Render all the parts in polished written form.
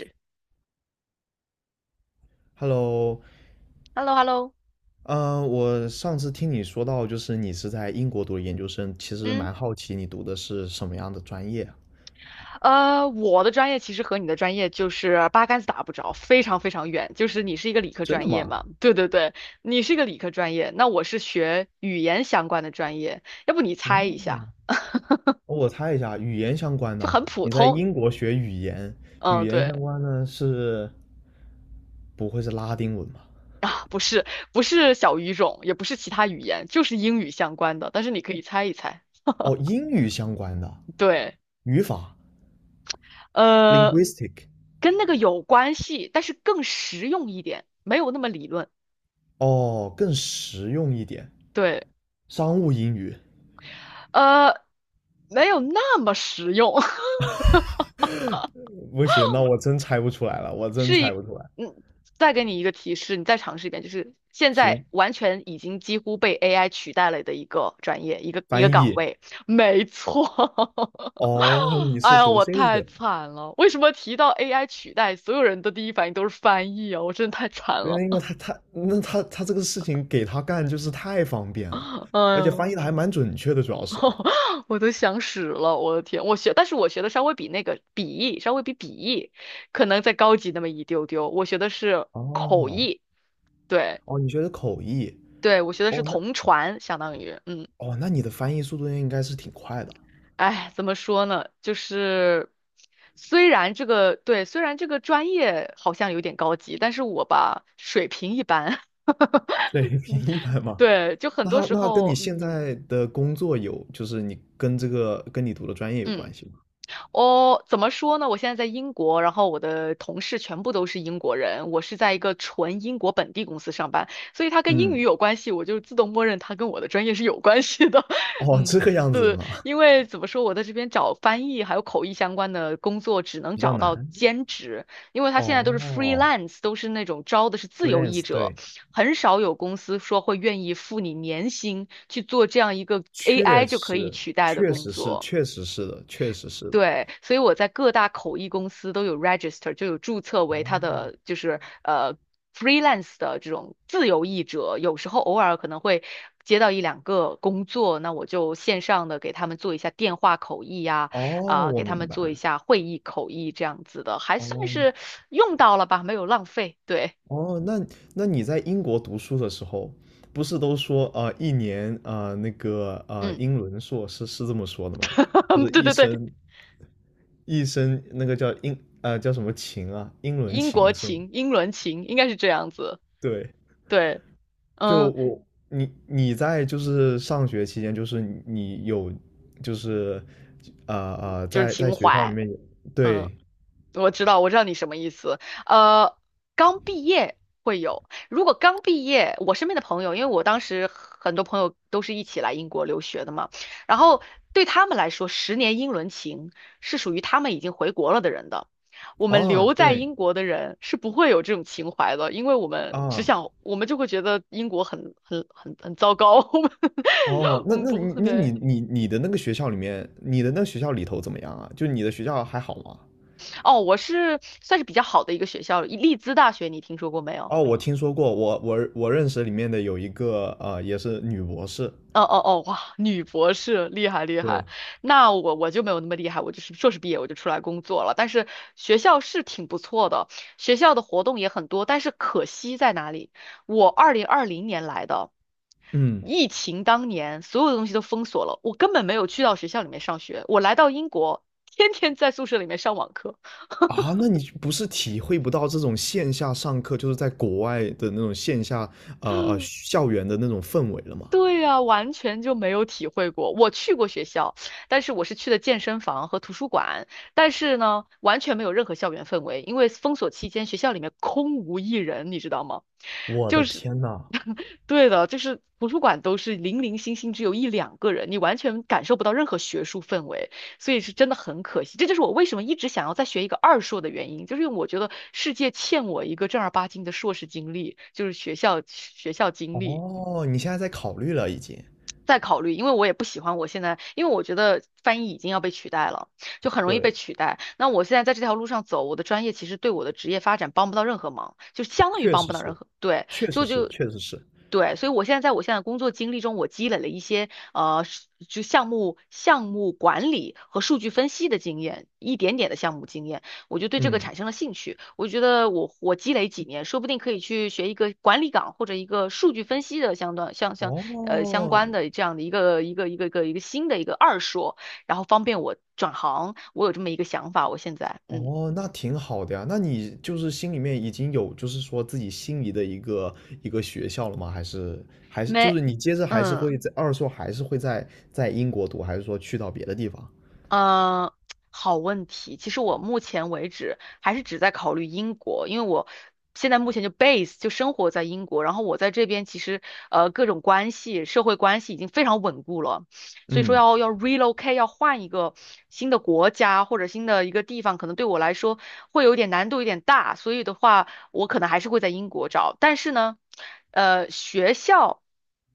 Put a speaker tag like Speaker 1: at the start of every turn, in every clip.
Speaker 1: h
Speaker 2: Hello，
Speaker 1: e l l o h e l l o
Speaker 2: 我上次听你说到，就是你是在英国读的研究生，其实
Speaker 1: 嗯，
Speaker 2: 蛮好奇你读的是什么样的专业啊。
Speaker 1: 我的专业其实和你的专业就是八竿子打不着，非常非常远。就是你是一个理科
Speaker 2: 真的
Speaker 1: 专业
Speaker 2: 吗？
Speaker 1: 嘛？对对对，你是一个理科专业，那我是学语言相关的专业。要不你猜一下，
Speaker 2: 哦，我猜一下，语言相关
Speaker 1: 就
Speaker 2: 的。
Speaker 1: 很普
Speaker 2: 你在
Speaker 1: 通。
Speaker 2: 英国学语言，语
Speaker 1: 嗯，
Speaker 2: 言
Speaker 1: 对，
Speaker 2: 相关的是不会是拉丁文吧？
Speaker 1: 不是，不是小语种，也不是其他语言，就是英语相关的。但是你可以猜一猜。
Speaker 2: 哦，英语相关的
Speaker 1: 对，
Speaker 2: 语法（
Speaker 1: 呃，
Speaker 2: （linguistic），
Speaker 1: 跟那个有关系，但是更实用一点，没有那么理论。
Speaker 2: 哦，更实用一点，
Speaker 1: 对。
Speaker 2: 商务英语。
Speaker 1: 呃，没有那么实用。
Speaker 2: 不行，那我真猜不出来了，我真
Speaker 1: 是一，
Speaker 2: 猜不出来。
Speaker 1: 嗯，再给你一个提示，你再尝试一遍，就是现在
Speaker 2: 行，
Speaker 1: 完全已经几乎被 AI 取代了的一个专业，一个
Speaker 2: 翻
Speaker 1: 岗
Speaker 2: 译。
Speaker 1: 位，没错。
Speaker 2: 哦，你
Speaker 1: 哎
Speaker 2: 是
Speaker 1: 呀，
Speaker 2: 读
Speaker 1: 我
Speaker 2: 这
Speaker 1: 太
Speaker 2: 个？
Speaker 1: 惨了！为什么提到 AI 取代，所有人的第一反应都是翻译啊？我真的太惨
Speaker 2: 对，
Speaker 1: 了。
Speaker 2: 那因为他那他这个事情给他干就是太方便了，
Speaker 1: 哎
Speaker 2: 而且翻译
Speaker 1: 呦，
Speaker 2: 的还蛮准确的，主要是。
Speaker 1: 我都想死了，我的天！我学，但是我学的稍微比那个笔译，稍微比笔译可能再高级那么一丢丢。我学的是口
Speaker 2: 哦
Speaker 1: 译，对
Speaker 2: 哦，你学的口译？
Speaker 1: 对，我学的是
Speaker 2: 哦，那
Speaker 1: 同传，相当于，
Speaker 2: 哦，那你的翻译速度应该是挺快的，
Speaker 1: 哎，怎么说呢？就是虽然这个专业好像有点高级，但是我吧水平一般。
Speaker 2: 水平一 般嘛。
Speaker 1: 对，就很
Speaker 2: 那
Speaker 1: 多
Speaker 2: 他
Speaker 1: 时
Speaker 2: 那跟你
Speaker 1: 候。
Speaker 2: 现
Speaker 1: 嗯
Speaker 2: 在的工作有，就是你跟这个跟你读的专业有
Speaker 1: 嗯，
Speaker 2: 关系吗？
Speaker 1: 哦，怎么说呢？我现在在英国，然后我的同事全部都是英国人，我是在一个纯英国本地公司上班，所以它跟英
Speaker 2: 嗯，
Speaker 1: 语有关系，我就自动默认它跟我的专业是有关系的。
Speaker 2: 哦，这个
Speaker 1: 嗯。
Speaker 2: 样子的嘛，
Speaker 1: 因为怎么说，我在这边找翻译还有口译相关的工作，只能
Speaker 2: 比较
Speaker 1: 找到
Speaker 2: 难。
Speaker 1: 兼职，因为他现在都是
Speaker 2: 哦
Speaker 1: freelance,都是那种招的是自由译
Speaker 2: ，freelance，
Speaker 1: 者，
Speaker 2: 对，
Speaker 1: 很少有公司说会愿意付你年薪去做这样一个 AI
Speaker 2: 确
Speaker 1: 就可以
Speaker 2: 实，
Speaker 1: 取代的
Speaker 2: 确
Speaker 1: 工
Speaker 2: 实是，
Speaker 1: 作。
Speaker 2: 确实是的，确实是的。
Speaker 1: 对，所以我在各大口译公司都有 register,就有注册为
Speaker 2: 哦
Speaker 1: 他的就是freelance 的这种自由译者。有时候偶尔可能会接到一两个工作，那我就线上的给他们做一下电话口译呀、
Speaker 2: 哦，
Speaker 1: 啊，
Speaker 2: 我
Speaker 1: 给他
Speaker 2: 明
Speaker 1: 们
Speaker 2: 白
Speaker 1: 做一
Speaker 2: 了。
Speaker 1: 下会议口译这样子的，还算
Speaker 2: 哦
Speaker 1: 是用到了吧，没有浪费。对。
Speaker 2: 哦，那那你在英国读书的时候，不是都说啊，一年啊，那个啊，
Speaker 1: 嗯。
Speaker 2: 英伦硕士是这么说的吗？就是
Speaker 1: 对
Speaker 2: 一
Speaker 1: 对对，
Speaker 2: 生一生那个叫英啊叫什么情啊，英伦
Speaker 1: 英国
Speaker 2: 情是吗？
Speaker 1: 情、英伦情应该是这样子。
Speaker 2: 对，
Speaker 1: 对。
Speaker 2: 就
Speaker 1: 嗯，
Speaker 2: 我你你在就是上学期间，就是你你有就是啊啊，
Speaker 1: 就是
Speaker 2: 在在
Speaker 1: 情
Speaker 2: 学校里
Speaker 1: 怀。
Speaker 2: 面有
Speaker 1: 嗯。
Speaker 2: 对
Speaker 1: 我知道，我知道你什么意思。呃，刚毕业会有，如果刚毕业，我身边的朋友，因为我当时很多朋友都是一起来英国留学的嘛，然后对他们来说，十年英伦情是属于他们已经回国了的人的。我们
Speaker 2: 哦
Speaker 1: 留在
Speaker 2: 对。
Speaker 1: 英国的人是不会有这种情怀的，因为我们只
Speaker 2: 啊，
Speaker 1: 想，我们就会觉得英国很糟糕。我们
Speaker 2: 哦，
Speaker 1: 我
Speaker 2: 那
Speaker 1: 们
Speaker 2: 那
Speaker 1: 不
Speaker 2: 你
Speaker 1: 会，
Speaker 2: 那你
Speaker 1: 对。
Speaker 2: 你你的那个学校里面，你的那个学校里头怎么样啊？就你的学校还好吗？
Speaker 1: 哦，我是算是比较好的一个学校，利兹大学，你听说过没有？
Speaker 2: 哦，我听说过，我认识里面的有一个也是女博士。
Speaker 1: 哦哦哦，哇，女博士厉害厉害。
Speaker 2: 对，
Speaker 1: 那我就没有那么厉害，我就是硕士毕业我就出来工作了。但是学校是挺不错的，学校的活动也很多，但是可惜在哪里？我二零二零年来的，
Speaker 2: 嗯，
Speaker 1: 疫情当年所有的东西都封锁了，我根本没有去到学校里面上学。我来到英国，天天在宿舍里面上网课。
Speaker 2: 啊，那你不是体会不到这种线下上课，就是在国外的那种线下校园的那种氛围了吗？
Speaker 1: 对呀，完全就没有体会过。我去过学校，但是我是去的健身房和图书馆，但是呢，完全没有任何校园氛围，因为封锁期间学校里面空无一人，你知道吗？
Speaker 2: 我的
Speaker 1: 就是，
Speaker 2: 天呐！
Speaker 1: 对的，就是图书馆都是零零星星，只有一两个人，你完全感受不到任何学术氛围，所以是真的很可惜。这就是我为什么一直想要再学一个二硕的原因，就是因为我觉得世界欠我一个正儿八经的硕士经历，就是学校经历。
Speaker 2: 哦，你现在在考虑了已经。
Speaker 1: 再考虑，因为我也不喜欢我现在，因为我觉得翻译已经要被取代了，就很容易
Speaker 2: 对，
Speaker 1: 被取代。那我现在在这条路上走，我的专业其实对我的职业发展帮不到任何忙，就相当于
Speaker 2: 确
Speaker 1: 帮
Speaker 2: 实
Speaker 1: 不到任
Speaker 2: 是，
Speaker 1: 何，对，
Speaker 2: 确
Speaker 1: 所
Speaker 2: 实
Speaker 1: 以我
Speaker 2: 是，
Speaker 1: 就
Speaker 2: 确实是。
Speaker 1: 对，所以我现在在我现在的工作经历中，我积累了一些是就项目管理和数据分析的经验，一点点的项目经验，我就对这个
Speaker 2: 嗯，
Speaker 1: 产生了兴趣。我觉得我积累几年，说不定可以去学一个管理岗或者一个数据分析的相关相相呃相
Speaker 2: 哦，
Speaker 1: 关的这样的一个新的一个二硕，然后方便我转行。我有这么一个想法，我现在
Speaker 2: 哦，那挺好的呀。那你就是心里面已经有，就是说自己心仪的一个学校了吗？还是就
Speaker 1: 没
Speaker 2: 是你接着还是
Speaker 1: 嗯。
Speaker 2: 会在二硕还是会在英国读，还是说去到别的地方？
Speaker 1: 呃，好问题。其实我目前为止还是只在考虑英国，因为我现在目前就 base 就生活在英国，然后我在这边其实各种关系、社会关系已经非常稳固了，所以说
Speaker 2: 嗯
Speaker 1: 要 relocate 要换一个新的国家或者新的一个地方，可能对我来说会有点难度，有点大，所以的话我可能还是会在英国找，但是呢，学校。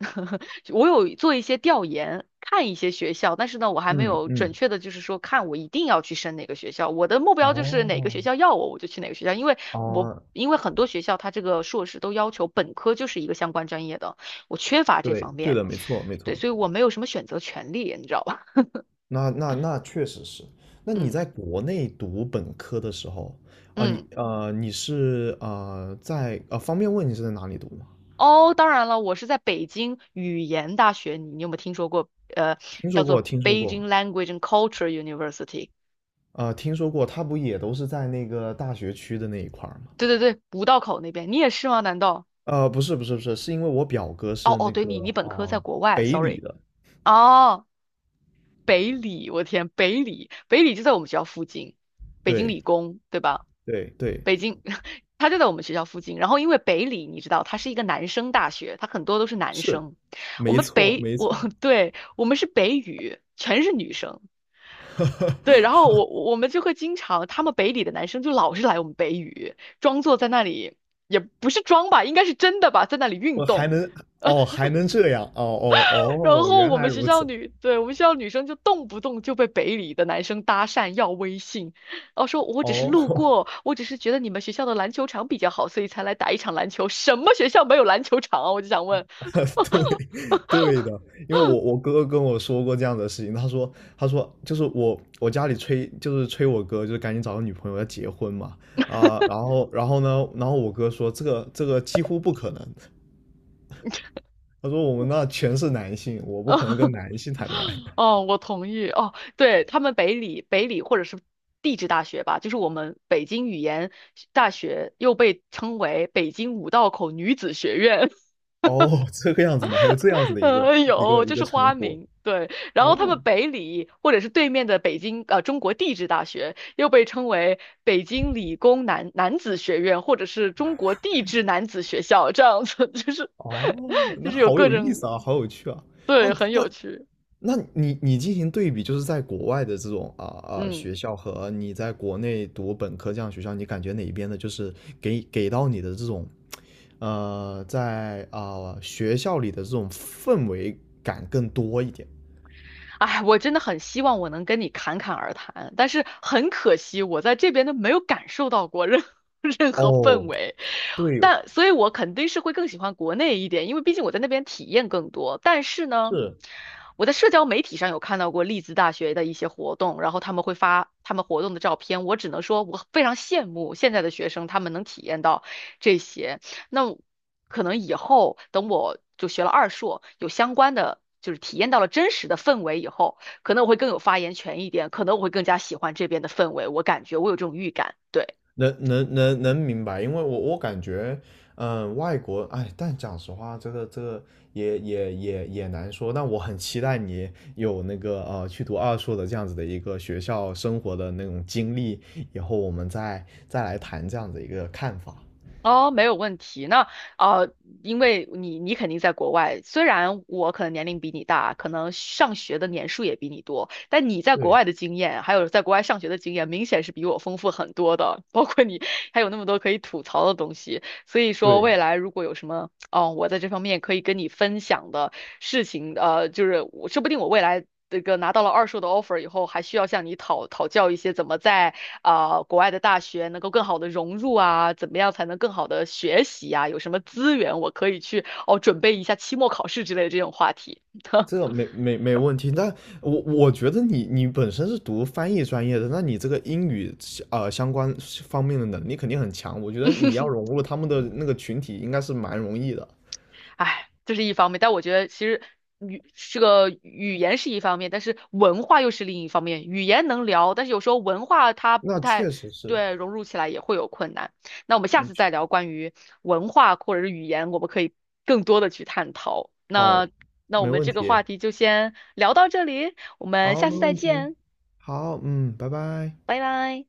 Speaker 1: 我有做一些调研，看一些学校，但是呢，我还没
Speaker 2: 嗯
Speaker 1: 有准
Speaker 2: 嗯，
Speaker 1: 确的，就是说看我一定要去升哪个学校。我的目标就是哪个
Speaker 2: 哦
Speaker 1: 学校要我，我就去哪个学校，因为我
Speaker 2: 啊，
Speaker 1: 因为很多学校它这个硕士都要求本科就是一个相关专业的，我缺乏这
Speaker 2: 对
Speaker 1: 方
Speaker 2: 对
Speaker 1: 面，
Speaker 2: 的，没错没
Speaker 1: 对，
Speaker 2: 错。
Speaker 1: 所以我没有什么选择权利，你知道吧？
Speaker 2: 那确实是。那 你
Speaker 1: 嗯
Speaker 2: 在国内读本科的时候，啊、你
Speaker 1: 嗯。
Speaker 2: 呃你是呃在呃方便问你是在哪里读吗？
Speaker 1: 哦，当然了，我是在北京语言大学，你有没有听说过？呃，
Speaker 2: 听说
Speaker 1: 叫
Speaker 2: 过
Speaker 1: 做
Speaker 2: 听说过
Speaker 1: Beijing Language and Culture University。
Speaker 2: 听说过，他不也都是在那个大学区的那一块儿吗？
Speaker 1: 对对对，五道口那边，你也是吗？难道？
Speaker 2: 不是不是不是，是因为我表哥
Speaker 1: 哦
Speaker 2: 是
Speaker 1: 哦，
Speaker 2: 那
Speaker 1: 对你，
Speaker 2: 个
Speaker 1: 你本
Speaker 2: 啊、
Speaker 1: 科在国外
Speaker 2: 北理
Speaker 1: ，sorry。
Speaker 2: 的，
Speaker 1: 哦，北理，我天，北理，北理就在我们学校附近，北京理
Speaker 2: 对
Speaker 1: 工，对吧？
Speaker 2: 对对，
Speaker 1: 北京，它就在我们学校附近。然后因为北理，你知道，它是一个男生大学，它很多都是男
Speaker 2: 是，
Speaker 1: 生。我
Speaker 2: 没
Speaker 1: 们
Speaker 2: 错
Speaker 1: 北，
Speaker 2: 没
Speaker 1: 我，
Speaker 2: 错，
Speaker 1: 对，我们是北语，全是女生。对，然后 我们就会经常，他们北理的男生就老是来我们北语，装作在那里，也不是装吧，应该是真的吧，在那里运
Speaker 2: 我还
Speaker 1: 动。
Speaker 2: 能哦还能这样哦哦
Speaker 1: 然
Speaker 2: 哦，
Speaker 1: 后
Speaker 2: 原
Speaker 1: 我
Speaker 2: 来
Speaker 1: 们学
Speaker 2: 如
Speaker 1: 校
Speaker 2: 此
Speaker 1: 女，对，我们学校女生就动不动就被北理的男生搭讪要微信，然后说我只是路
Speaker 2: 哦。
Speaker 1: 过，我只是觉得你们学校的篮球场比较好，所以才来打一场篮球。什么学校没有篮球场啊？我就想问。
Speaker 2: 对，对的，因为我哥哥跟我说过这样的事情，他说就是我家里催就是催我哥就是赶紧找个女朋友要结婚嘛。啊、然后呢，然后我哥说这个几乎不可能，他说我们那全是男性，我不可能跟 男性谈恋爱。
Speaker 1: 哦，我同意。哦，对，他们北理或者是地质大学吧，就是我们北京语言大学，又被称为北京五道口女子学院。
Speaker 2: 哦，这个样子吗？还有这样子 的一个一
Speaker 1: 有，
Speaker 2: 个一
Speaker 1: 这
Speaker 2: 个
Speaker 1: 是
Speaker 2: 称
Speaker 1: 花
Speaker 2: 呼。
Speaker 1: 名，对。然后他们
Speaker 2: 哦
Speaker 1: 北理或者是对面的北京中国地质大学，又被称为北京理工男子学院，或者是中国地质男子学校，这样子就是
Speaker 2: 哦，
Speaker 1: 就
Speaker 2: 那
Speaker 1: 是有
Speaker 2: 好
Speaker 1: 各
Speaker 2: 有意思
Speaker 1: 种。
Speaker 2: 啊，好有趣啊！啊，
Speaker 1: 对，很有
Speaker 2: 那
Speaker 1: 趣。
Speaker 2: 那你你进行对比，就是在国外的这种
Speaker 1: 嗯。
Speaker 2: 学校和你在国内读本科这样的学校，你感觉哪一边的，就是给到你的这种在啊、学校里的这种氛围感更多一点？
Speaker 1: 哎，我真的很希望我能跟你侃侃而谈，但是很可惜，我在这边都没有感受到过任 任何氛
Speaker 2: 哦，
Speaker 1: 围。
Speaker 2: 对，
Speaker 1: 但所以，我肯定是会更喜欢国内一点，因为毕竟我在那边体验更多。但是呢，
Speaker 2: 是，
Speaker 1: 我在社交媒体上有看到过利兹大学的一些活动，然后他们会发他们活动的照片，我只能说我非常羡慕现在的学生，他们能体验到这些。那我可能以后等我就学了二硕，有相关的，就是体验到了真实的氛围以后，可能我会更有发言权一点，可能我会更加喜欢这边的氛围，我感觉我有这种预感，对。
Speaker 2: 能明白，因为我感觉，嗯，外国，哎，但讲实话，这个也难说。但我很期待你有那个去读二硕的这样子的一个学校生活的那种经历，以后我们再来谈这样的一个看法。
Speaker 1: 哦，没有问题。那呃，因为你肯定在国外，虽然我可能年龄比你大，可能上学的年数也比你多，但你在国
Speaker 2: 对
Speaker 1: 外的经验，还有在国外上学的经验，明显是比我丰富很多的。包括你还有那么多可以吐槽的东西，所以说
Speaker 2: 对，
Speaker 1: 未来如果有什么哦，我在这方面可以跟你分享的事情，就是我说不定我未来这个拿到了二硕的 offer 以后，还需要向你讨教一些怎么在啊、国外的大学能够更好的融入啊，怎么样才能更好的学习啊，有什么资源我可以去准备一下期末考试之类的这种话题。
Speaker 2: 这个没问题。但我觉得你本身是读翻译专业的，那你这个英语相关方面的能力肯定很强。我觉得你要 融入他们的那个群体，应该是蛮容易的。
Speaker 1: 哎，这是一方面，但我觉得其实这个语言是一方面，但是文化又是另一方面。语言能聊，但是有时候文化它不
Speaker 2: 那
Speaker 1: 太
Speaker 2: 确实是，
Speaker 1: 对，融入起来也会有困难。那我们下
Speaker 2: 嗯，
Speaker 1: 次再聊关于文化或者是语言，我们可以更多的去探讨。
Speaker 2: 好，
Speaker 1: 那我
Speaker 2: 没
Speaker 1: 们
Speaker 2: 问
Speaker 1: 这个
Speaker 2: 题，
Speaker 1: 话题就先聊到这里，我们
Speaker 2: 好，
Speaker 1: 下
Speaker 2: 没
Speaker 1: 次再
Speaker 2: 问题，
Speaker 1: 见，
Speaker 2: 好，嗯，拜拜。
Speaker 1: 拜拜。